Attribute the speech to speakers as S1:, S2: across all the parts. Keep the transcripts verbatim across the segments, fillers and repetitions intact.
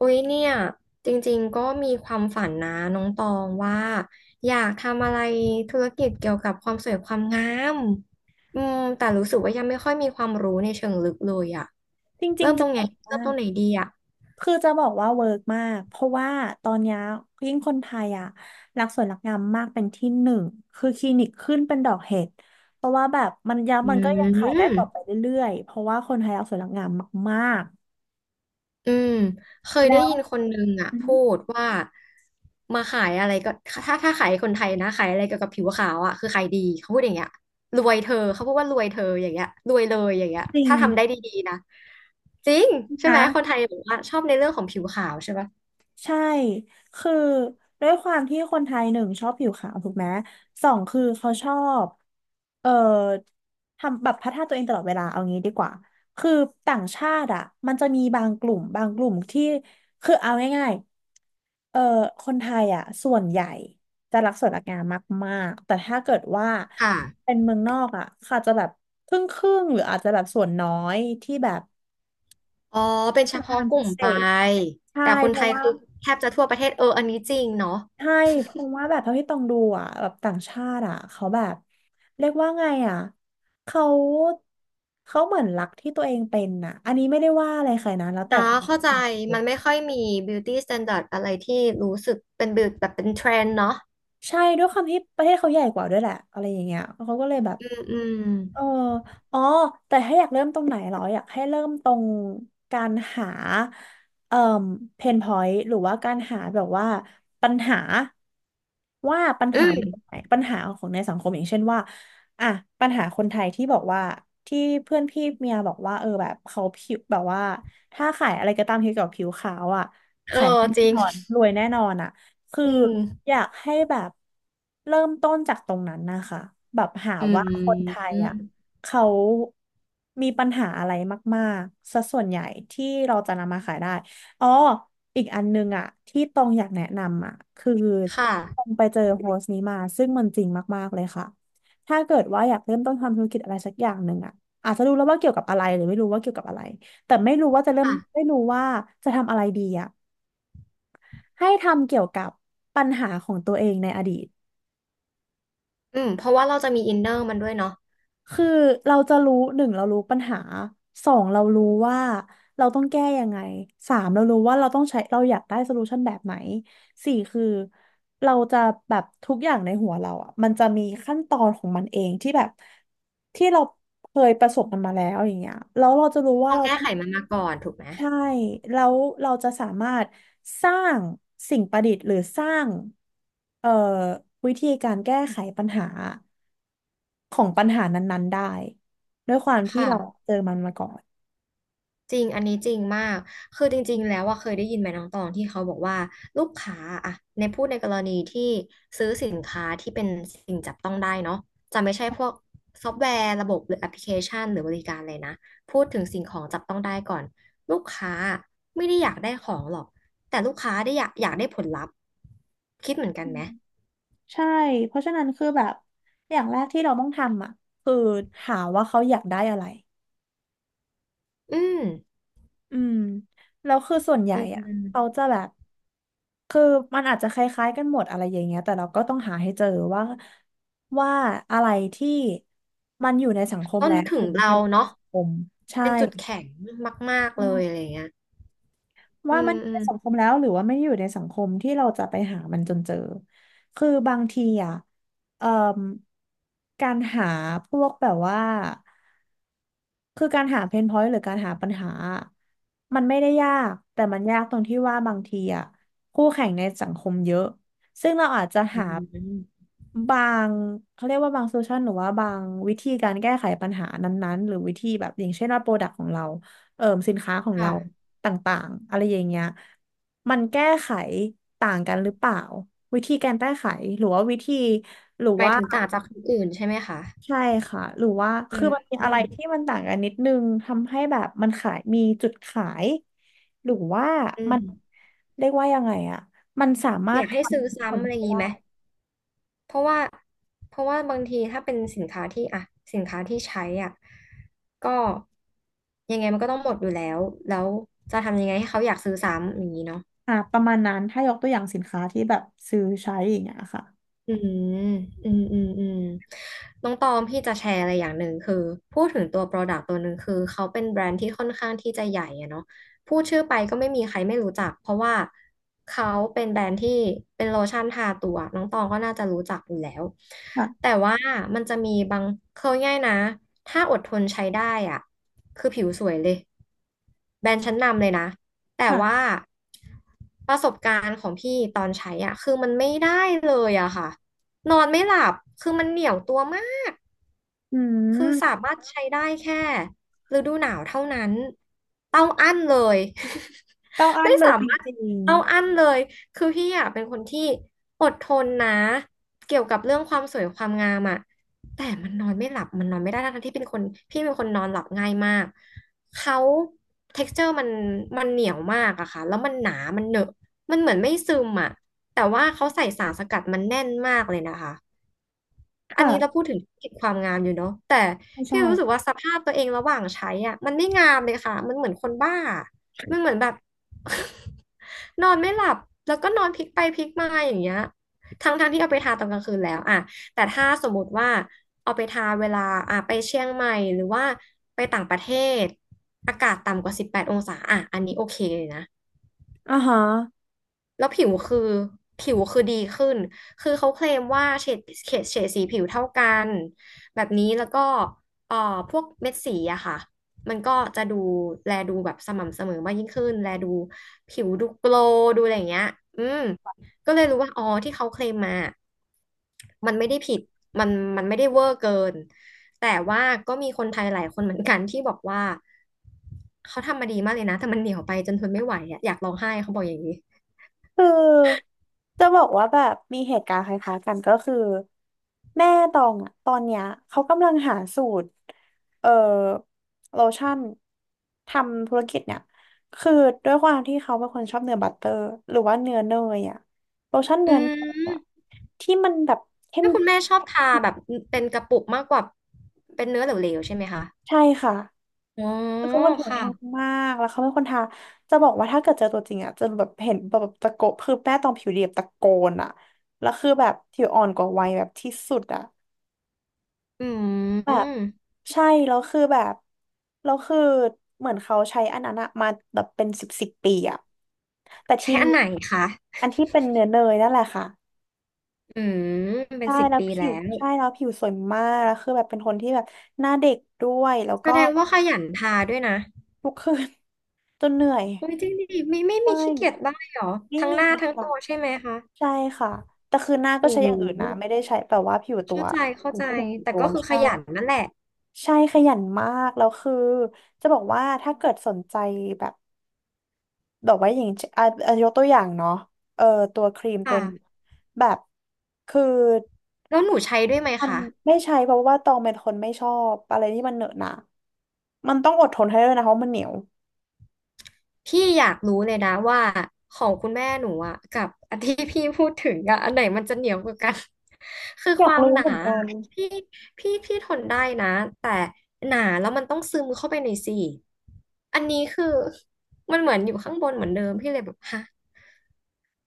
S1: อุ๊ยเนี่ยจริงๆก็มีความฝันนะน้องตองว่าอยากทำอะไรธุรกิจเกี่ยวกับความสวยความงามอืมแต่รู้สึกว่ายังไม่ค่อยมีความรู้ในเชิงลึกเลยอะ
S2: จริ
S1: เริ่
S2: ง
S1: ม
S2: ๆ
S1: ต
S2: จะ
S1: รง
S2: บ
S1: ไหน
S2: อก
S1: เริ่
S2: ว่า
S1: มตรงไหนดีอะ
S2: คือจะบอกว่าเวิร์กมากเพราะว่าตอนเนี้ยยิ่งคนไทยอ่ะรักสวยรักงามมากเป็นที่หนึ่งคือคลินิกขึ้นเป็นดอกเห็ดเพราะว่าแบบมันยัง
S1: อื
S2: มันก็ยังขายได้ต่อไป
S1: ม
S2: เรื่อยๆเพราะว่าคนไทยรักสวยรักงามมาก
S1: อืมเคย
S2: ๆแล้
S1: ได้
S2: ว
S1: ยินคนหนึ่งอ่ะ
S2: อืม
S1: พูดว่ามาขายอะไรก็ถ้าถ้าขายคนไทยนะขายอะไรเกี่ยวกับผิวขาวอ่ะคือขายดีเขาพูดอย่างเงี้ยรวยเธอเขาพูดว่ารวยเธออย่างเงี้ยรวยเลยอย่างเงี้ย
S2: จริง
S1: ถ้าทำได้ดีๆนะจริงใช่ไหมคนไท
S2: นะ
S1: ยบอกว่าชอบในเรื่องของผิวขาวใช่ปะ
S2: ใช่ คือด้วยความที่คนไทยหนึ่งชอบผิวขาวถูกไหมสองคือเขาชอบ เอ่อ ทำแบบพัฒนาตัวเองตลอดเวลาเอางี้ดีกว่า คือต่างชาติอ่ะมันจะมีบางกลุ่มบางกลุ่มที่ คือเอาง่ายๆเอ่อคนไทยอ่ะส่วนใหญ่จะรักสวยรักงามมากๆ แต่ถ้าเกิดว่า
S1: ค่ะ
S2: เป็นเมืองนอกอ่ะเขาอาจจะแบบครึ่งครึ่งหรืออาจจะแบบส่วนน้อยที่แบบ
S1: อ๋อเป็น
S2: ส
S1: เฉ
S2: วย
S1: พาะ
S2: งาม
S1: ก
S2: พิ
S1: ลุ่ม
S2: เศ
S1: ไป
S2: ษใช่
S1: แต่คน
S2: เพ
S1: ไท
S2: ราะ
S1: ย
S2: ว่า
S1: คือแทบจะทั่วประเทศเอออันนี้จริงเนาะ
S2: ใช่เพราะว่าแบบเท่าที่ต้องดูอ่ะแบบต่างชาติอ่ะเขาแบบเรียกว่าไงอ่ะเขาเขาเหมือนรักที่ตัวเองเป็นอ่ะอันนี้ไม่ได้ว่าอะไรใครนะแล้วแต่
S1: อ๋อ
S2: ความ
S1: เข้าใจมันไม่ค่อยมี beauty standard อะไรที่รู้สึกเป็นแบบแบบเป็นเทรนด์เนาะ
S2: ใช่ด้วยความที่ประเทศเขาใหญ่กว่าด้วยแหละอะไรอย่างเงี้ยเขาก็เลยแบบ
S1: อืมอืม
S2: เอออ๋อแต่ถ้าอยากเริ่มตรงไหนเหรออยากให้เริ่มตรงการหาเอ่อเพนพอยต์หรือว่าการหาแบบว่าปัญหาว่าปัญ
S1: อื
S2: หาอยู่ตรง
S1: ม
S2: ไหนปัญหาของในสังคมอย่างเช่นว่าอ่ะปัญหาคนไทยที่บอกว่าที่เพื่อนพี่เมียบอกว่าเออแบบเขาผิวแบบว่าถ้าขายอะไรก็ตามเกี่ยวกับผิวขาวอ่ะ
S1: เออ
S2: ขายแน่
S1: จริง
S2: นอนรวยแน่นอนอ่ะ คือ
S1: อืม
S2: อยากให้แบบเริ่มต้นจากตรงนั้นนะคะแบบหา
S1: อื
S2: ว่าคนไทยอ่ะ
S1: ม
S2: เขามีปัญหาอะไรมากๆซะส่วนใหญ่ที่เราจะนำมาขายได้อ๋ออีกอันนึงอ่ะที่ตรงอยากแนะนำอ่ะคือ
S1: ค่ะ
S2: ตรงไปเจอโพสต์นี้มาซึ่งมันจริงมากๆเลยค่ะถ้าเกิดว่าอยากเริ่มต้นทำธุรกิจอะไรสักอย่างหนึ่งอ่ะอาจจะรู้แล้วว่าเกี่ยวกับอะไรหรือไม่รู้ว่าเกี่ยวกับอะไรแต่ไม่รู้ว่าจะเริ่ม
S1: ค่ะ
S2: ไม่รู้ว่าจะทำอะไรดีอ่ะ ให้ทำเกี่ยวกับปัญหาของตัวเองในอดีต
S1: อืมเพราะว่าเราจะมีอินเนอร์มันด้วยเนาะ
S2: คือเราจะรู้หนึ่งเรารู้ปัญหาสองเรารู้ว่าเราต้องแก้ยังไงสามเรารู้ว่าเราต้องใช้เราอยากได้โซลูชันแบบไหนสี่คือเราจะแบบทุกอย่างในหัวเราอ่ะมันจะมีขั้นตอนของมันเองที่แบบที่เราเคยประสบมันมาแล้วอย่างเงี้ยแล้วเราจะรู้ว่า
S1: เรา
S2: เรา
S1: แก้
S2: ต้อง
S1: ไขมันมาก่อนถูกไหม
S2: ใช่แล้วเราจะสามารถสร้างสิ่งประดิษฐ์หรือสร้างเอ่อวิธีการแก้ไขปัญหาของปัญหานั้นๆได้ด้วยความที่
S1: ค่ะ
S2: เราเจอมันมาก่อน
S1: จริง อันนี้จริงมาก คือจริงๆแล้วว่าเคยได้ยินไหมน้องตองที่เขาบอกว่าลูกค้าอะในพูดในกรณีที่ซื้อสินค้าที่เป็นสิ่งจับต้องได้เนาะจะไม่ใช่พวกซอฟต์แวร์ระบบหรือแอปพลิเคชันหรือบริการเลยนะพูดถึงสิ่งของจับต้องได้ก่อนลูกค้าไม่ได้อยากได้ของหรอกแต่ลูกค้าได้อยากอยากได้ผลลัพธ์คิดเหมือนกันไหม
S2: ใช่เพราะฉะนั้นคือแบบอย่างแรกที่เราต้องทำอ่ะคือหาว่าเขาอยากได้อะไร
S1: อืม
S2: อืมแล้วคือส่วนใหญ่
S1: อื
S2: อ่ะเขา
S1: ม
S2: จะแบบคือมันอาจจะคล้ายๆกันหมดอะไรอย่างเงี้ยแต่เราก็ต้องหาให้เจอว่าว่าอะไรที่มันอยู่ในสังคม
S1: ต้อง
S2: แล้ว
S1: นึกถึ
S2: หรื
S1: ง
S2: อมัน
S1: เรา
S2: ยังไม่อยู่ใน
S1: เนาะ
S2: สังคมใช่
S1: เป็นจุดแข็งมากๆ
S2: อื
S1: เลยอะไร
S2: ม
S1: อย่างเงี้ยอื
S2: ว่า
S1: ม
S2: มันอยู่
S1: อื
S2: ใน
S1: ม
S2: สังคมแล้วหรือว่าไม่ได้อยู่ในสังคมที่เราจะไปหามันจนเจอคือบางทีอ่ะเอ่อการหาพวกแบบว่า คือการหาเพนพอยต์หรือการหาปัญหา มันไม่ได้ยากแต่มันยากตรงที่ว่าบางทีอ่ะคู่แข่งในสังคมเยอะซึ่งเราอาจจะ
S1: อื
S2: หา
S1: ม
S2: บางเขาเรียกว่าบางโซลูชันหรือว่าบางวิธีการแก้ไขปัญหานั้นๆหรือวิธีแบบอย่างเช่นว่าโปรดักต์ของเราเอ่อสินค้าของ
S1: ค่ะ
S2: เราต่างๆอะไรอย่างเงี้ยมันแก้ไขต่างกันหรือเปล่าวิธีการแก้ไขหรือว่าวิธีหรือ
S1: หมาย
S2: ว่า
S1: ถึงต่างจากคนอื่นใช่ไหมคะ
S2: ใช่ค่ะหรือว่า
S1: อื
S2: คือ
S1: ม
S2: มันมี
S1: อื
S2: อะไร
S1: ม
S2: ที่มันต่างกันนิดนึงทำให้แบบมันขายมีจุดขายหรือว่า
S1: อื
S2: มัน
S1: ม
S2: เรียกว่ายังไงอะมันสามา
S1: อ
S2: รถ
S1: ยาก
S2: ท
S1: ให้ซื้อ
S2: ำผ
S1: ซ้ำ
S2: ล
S1: อะไรอ
S2: ไป
S1: ย่างนี้
S2: ได้
S1: ไหม เพราะว่าเพราะว่าบางทีถ้าเป็นสินค้าที่อ่ะสินค้าที่ใช้อ่ะก็ยังไงมันก็ต้องหมดอยู่แล้ว แล้วจะทำยังไงให้เขาอยากซื้อซ้ำอย่างนี้เนาะ
S2: อ่ะประมาณนั้นถ้ายกตัวอย่างสินค้าที่แบบซื้อใช้อย่างเงี้ยค่ะ
S1: อืมอืมอืมอืมน้องตอมพี่จะแชร์อะไรอย่างหนึ่งคือพูดถึงตัว Product ตัวหนึ่งคือเขาเป็นแบรนด์ที่ค่อนข้างที่จะใหญ่อะเนาะพูดชื่อไปก็ไม่มีใครไม่รู้จักเพราะว่าเขาเป็นแบรนด์ที่เป็นโลชั่นทาตัวน้องตองก็น่าจะรู้จักอยู่แล้วแต่
S2: ค่ะ
S1: ว่ามันจะมีบางเขาง่ายๆนะถ้าอดทนใช้ได้อ่ะคือผิวสวยเลยแบรนด์ชั้นนำเลยนะ แต่ว่า
S2: ค่ะ
S1: ประสบการณ์ของพี่ตอนใช้อ่ะคือมันไม่ได้เลยอะค่ะนอนไม่หลับคือมันเหนียวตัวมาก
S2: อื
S1: คือสา
S2: ม
S1: มารถใช้ได้แค่ฤดูหนาวเท่านั้นเต้าอั้นเลย
S2: ต้อง อั้น
S1: ไม่
S2: เล
S1: สา
S2: ยจ
S1: มารถ
S2: ริง
S1: เต้าอั้นเลยคือพี่อะเป็นคนที่อดทนนะเกี่ยวกับเรื่องความสวยความงามอะแต่มันนอนไม่หลับมันนอนไม่ได้ทั้งๆที่เป็นคนพี่เป็นคนนอนหลับง่ายมากเขา texture มันมันเหนียวมากอะค่ะแล้วมันหนามันเหนอะมันเหมือนไม่ซึมอะแต่ว่าเขาใส่สารสกัดมันแน่นมากเลยนะคะ
S2: ๆ
S1: อัน
S2: ค่ะ
S1: นี้เราพูดถึงธุรกิจความงามอยู่เนาะแต่
S2: ไม่
S1: พี่
S2: ใช่
S1: รู้สึกว่าสภาพตัวเองระหว่างใช้อ่ะมันไม่งามเลยค่ะมันเหมือนคนบ้ามันเหมือนแบบ นอนไม่หลับแล้วก็นอนพลิกไปพลิกมาอย่างเงี้ยทั้งทั้งที่เอาไปทาตอนกลางคืนแล้วอ่ะแต่ถ้าสมมติว่าเอาไปทาเวลาอ่ะไปเชียงใหม่หรือว่าไปต่างประเทศอากาศต่ำกว่าสิบแปดองศาอ่ะอันนี้โอเคเลยนะ
S2: อ่าฮะ
S1: แล้วผิวคือผิวคือดีขึ้น คือเขาเคลมว่าเฉดเฉดเฉดสีผิวเท่ากันแบบนี้แล้วก็เอ่อพวกเม็ดสีอะค่ะมันก็จะดูแลดูแบบสม่ำเสมอมากยิ่งขึ้นแลดูผิวดูโกลว์ดูอะไรอย่างเงี้ยอืมก็เลยรู้ว่าอ๋อที่เขาเคลมมา มันไม่ได้ผิด มันมันไม่ได้เวอร์เกิน แต่ว่าก็มีคนไทยหลายคนเหมือนกันที่บอกว่าเขาทำมาดีมากเลยนะแต่มันเหนียวไปจนทนไม่ไหวอะอยากร้องไห้เขาบอกอย่างนี้
S2: คือจะบอกว่าแบบมีเหตุการณ์คล้ายๆกันก็คือแม่ตองอะตอนเนี้ยเขากำลังหาสูตรเอ่อโลชั่นทำธุรกิจเนี่ยคือด้วยความที่เขาเป็นคนชอบเนื้อบัตเตอร์หรือว่าเนื้อเนยอะโลชั่น
S1: อื
S2: เนื้อเนยอะ
S1: ม
S2: ที่มันแบบเข้ม
S1: ถ้าคุณแม่ชอบทาแบบเป็นกระปุกมากกว่าเป็นเนื้อเหลวๆใช่ไหมคะ
S2: ใช่ค่ะ
S1: อ๋อ
S2: คือเขาเป็นคนผิว
S1: ค่ะ
S2: แห้งมากแล้วเขาเป็นคนทาจะบอกว่าถ้าเกิดเจอตัวจริงอ่ะจะแบบเห็นแบบตะโกนคือแป้ตองผิวเรียบตะโกนอ่ะแล้วคือแบบผิวอ่อนกว่าวัยแบบที่สุดอ่ะ
S1: อื
S2: แบบ
S1: ม
S2: ใช่แล้วคือแบบแล้วคือเหมือนเขาใช้อันนั้นอะมาแบบเป็นสิบสิบปีอะแต่ที
S1: ใช้อั
S2: นี้
S1: นไหนคะ
S2: อันที่เป็นเนื้อเนยนั่นแหละค่ะ
S1: อืมเป็น
S2: ใช่
S1: สิบ
S2: แล้ว
S1: ปี
S2: ผิ
S1: แล้
S2: ว
S1: ว
S2: ใช่แล้วผิวสวยมากแล้วคือแบบเป็นคนที่แบบหน้าเด็กด้วยแล้ว
S1: แส
S2: ก็
S1: ดงว่าขยันทาด้วยนะ
S2: ทุกคืน จนเหนื่อย
S1: โอ้ยจริงดิไม่ไม่
S2: ใช่
S1: มีขี้เกียจบ้างเหรอ
S2: ไม่
S1: ทั้ง
S2: มี
S1: หน้าทั้ง
S2: ค่ะ
S1: ตัวใช่ไหมคะ
S2: ใช่ค่ะแต่คือหน้าก็
S1: โอ้
S2: ใช้
S1: โห
S2: อย่างอื่นนะไม่ได้ใช้แบบว่าผิวตัว
S1: เข้าใจเข้า
S2: ผม
S1: ใจ
S2: พูดถึงผิว
S1: แต่
S2: ตัว
S1: ก็คือข
S2: ใช่
S1: ยันนั่นแหละ
S2: ใช่ขยันมากแล้วคือจะบอกว่าถ้าเกิดสนใจแบบแบอกว่าอย่างเช่นอ่ะอ่ะยกตัวอย่างเนาะเออตัวครีมตัว
S1: ค่ะ
S2: นี้แบบคือ
S1: แล้วหนูใช้ด้วยไหม
S2: มัน
S1: คะ
S2: ไม่ใช่เพราะว่าตองเป็นคนไม่ชอบอะไรที่มันเหนอะหนะมันต้องอดทนให้ด้วยนะเพราะมันเหนียว
S1: พี่อยากรู้เลยนะว่าของคุณแม่หนูอ่ะกับ อันที่พี่พูดถึงอ่ะอันไหนมันจะเหนียวกว่ากัน คือ
S2: อ
S1: ค
S2: ยาก
S1: วาม
S2: รู้
S1: หนา
S2: เหมือนกัน
S1: อะพี่พี่พี่ทนได้นะแต่หนาแล้วมันต้องซึมเข้าไปในซี่อันนี้คือมันเหมือนอยู่ข้างบนเหมือนเดิมพี่เลยแบบฮะ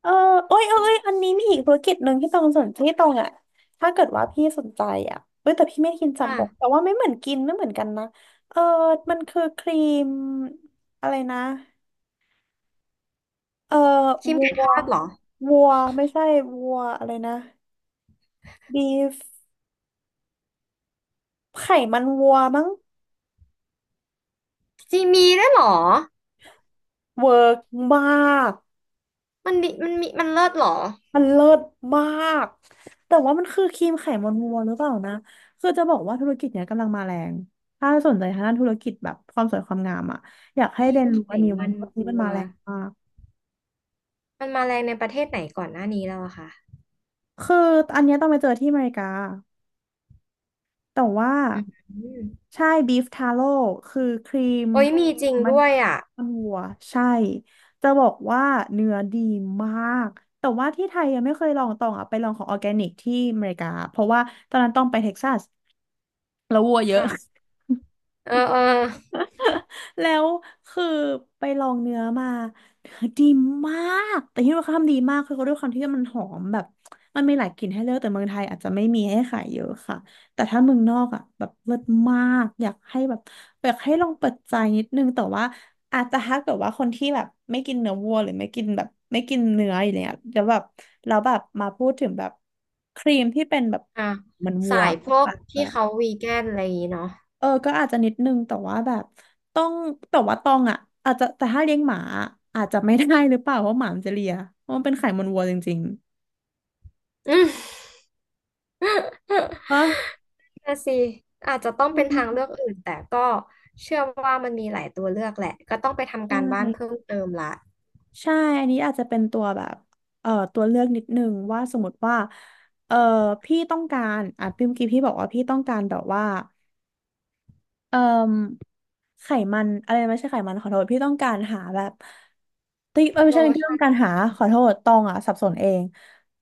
S2: เออเอ้ยเอ้
S1: มั
S2: ยเอ้ยอั
S1: น
S2: นนี้มีอีกธุรกิจหนึ่งที่ตรงสนที่ตรงอ่ะถ้าเกิดว่าพี่สนใจอ่ะเอ้ยแต่พี่ไม่กินสัน
S1: ค่ะ
S2: บกแต่ว่าไม่เหมือนกินไม่เหมือนกันนะเออมันคือครีมอะไรนะเออ
S1: ครีม
S2: วั
S1: ไก่
S2: ว
S1: ทอดเหรอ
S2: วัวไม่ใช่วัวอะไรนะบีฟไขมันวัวมั้ง
S1: จีมีด้วยเหรอ
S2: เวิร์กมาก
S1: มันมมันมีมันเลิศเหรอ
S2: มันเลิศมากแต่ว่ามันคือครีมไขมันวัวหรือเปล่านะคือจะบอกว่าธุรกิจเนี้ยกำลังมาแรงถ้าสนใจทางด้านธุรกิจแบบความสวยความงามอ่ะอยากให้
S1: ครี
S2: เรีย
S1: ม
S2: นรู้
S1: ไข
S2: อันนี้ไว้
S1: มัน
S2: เพราะอันนี้
S1: วั
S2: มัน
S1: ว
S2: มาแรงมาก
S1: มันมาแรงในประเทศไหนก่อนหน้านี้แล้วอะคะ
S2: คืออันเนี้ยต้องไปเจอที่อเมริกาแต่ว่า
S1: อืม
S2: ใช่บีฟทาโร่คือครีม
S1: โอ้ยมีจริง
S2: มัน
S1: ด้วยอ่ะ
S2: มันวัวใช่จะบอกว่าเนื้อดีมากแต่ว่าที่ไทยยังไม่เคยลองตองอ่ะไปลองของออร์แกนิกที่อเมริกาเพราะว่าตอนนั้นต้องไปเท็กซัสแล้ววัวเยอะ
S1: ค่ะเออเออ
S2: แล้วคือไปลองเนื้อมาเนื้อดีมากแต่ที่ว่าเขาทำดีมากคือเขาด้วยความที่มันหอมแบบมันมีหลายกลิ่นให้เลือกแต่เมืองไทยอาจจะไม่มีให้ขายเยอะค่ะแต่ถ้าเมืองนอกอ่ะแบบเลิศมากอยากให้แบบอยากให้ลองเปิดใจนิดนึงแต่ว่าอาจจะถ้าเกิดว่าคนที่แบบไม่กินเนื้อวัวหรือไม่กินแบบไม่กินเนื้ออย่างเงี้ยแล้วแบบแล้วแบบมาพูดถึงแบบครีมที่เป็นแบบ
S1: อ่ะ
S2: เหมันวั
S1: สา
S2: ว
S1: ยพวก
S2: อาจจะ
S1: ที่เขาวีแกนอะไรอย่างงี้เนาะ
S2: เออก็อาจจะนิดนึงแต่ว่าแบบต้องแต่ว่าตองอ่ะอาจจะแต่ถ้าเลี้ยงหมาอะอาจจะไม่ได้หรือเปล่าเพราะหมามันจะเลียเพราะมันเป็นไขมันวัวจริง
S1: อืม
S2: ๆวะ
S1: น่ะสิอาจจะต้อง
S2: อื
S1: เป็นทางเลื
S2: ม
S1: อกอื่นแต่ก็เชื่อว่ามันมีหลายตัวเลือกแหละก็ต้องไป
S2: ใช
S1: ทำการบ้านเพิ่
S2: ่
S1: มเติมละ
S2: ใช่อันนี้อาจจะเป็นตัวแบบเอ่อตัวเลือกนิดนึงว่าสมมติว่าเอ่อพี่ต้องการอ่ะพี่เมื่อกี้พี่บอกว่าพี่ต้องการแบบว่าเอ่อไขมันอะไรนะไม่ใช่ไขมันขอโทษพี่ต้องการหาแบบ ติ๊กเอ้ยไม่
S1: โล
S2: ใช่เรื่อง
S1: ชั่น
S2: การหาขอโทษตองอ่ะสับสนเอง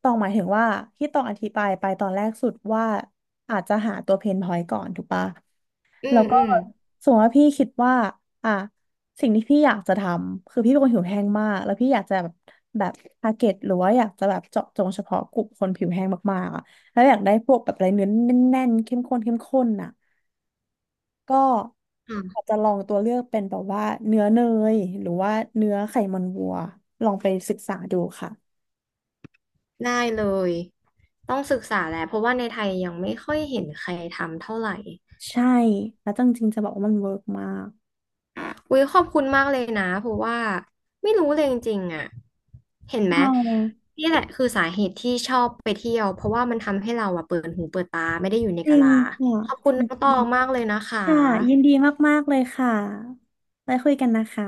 S2: ตองหมายถึงว่าที่ตองอธิบายไปตอนแรกสุดว่าอาจจะหาตัวเพนพอยต์ก่อนถูกปะ
S1: อื
S2: แล้
S1: ม
S2: วก็
S1: อืม
S2: สมมติว่าพี่คิดว่า อ่ะ สิ่งที่พี่อยากจะทำคือพี่เป็นคนผิวแห้งมาก แล้วพี่อยากจะแบบแบบทาร์เก็ตหรือว่าอยากจะแบบเจาะจงเฉพาะกลุ่มคนผิวแห้งมากๆอ่ะแล้วอยากได้พวกแบบอะไรเนื้อแน่นๆเข้มข้นเข้มข้นอ่ะ ก็อาจ
S1: อ่ะ
S2: จะลองตัวเลือกเป็นแบบว่าเนื้อเนยหรือว่าเนื้อไขมันวัวลองไปศึกษาดูค่ะ
S1: ได้เลยต้องศึกษาแหละเพราะว่าในไทยยังไม่ค่อยเห็นใครทำเท่าไหร่
S2: ใช่แล้วจริงๆจะบอกว่ามันเวิร์กมาก
S1: อุ้ยขอบคุณมากเลยนะเพราะว่าไม่รู้เลยจริงๆอ่ะเห็นไห
S2: อ๋
S1: ม
S2: อ
S1: นี่แหละคือสาเหตุที่ชอบไปเที่ยวเพราะว่ามันทำให้เราอ่ะเปิดหูเปิดตาไม่ได้อยู่ใน
S2: จริ
S1: กะ
S2: ง
S1: ลา
S2: ค่ะ
S1: ขอบ
S2: จ
S1: คุณน้องตอ
S2: ริง
S1: งมากเลยนะคะ
S2: ๆค่ะยินดีมากๆเลยค่ะไปคุยกันนะคะ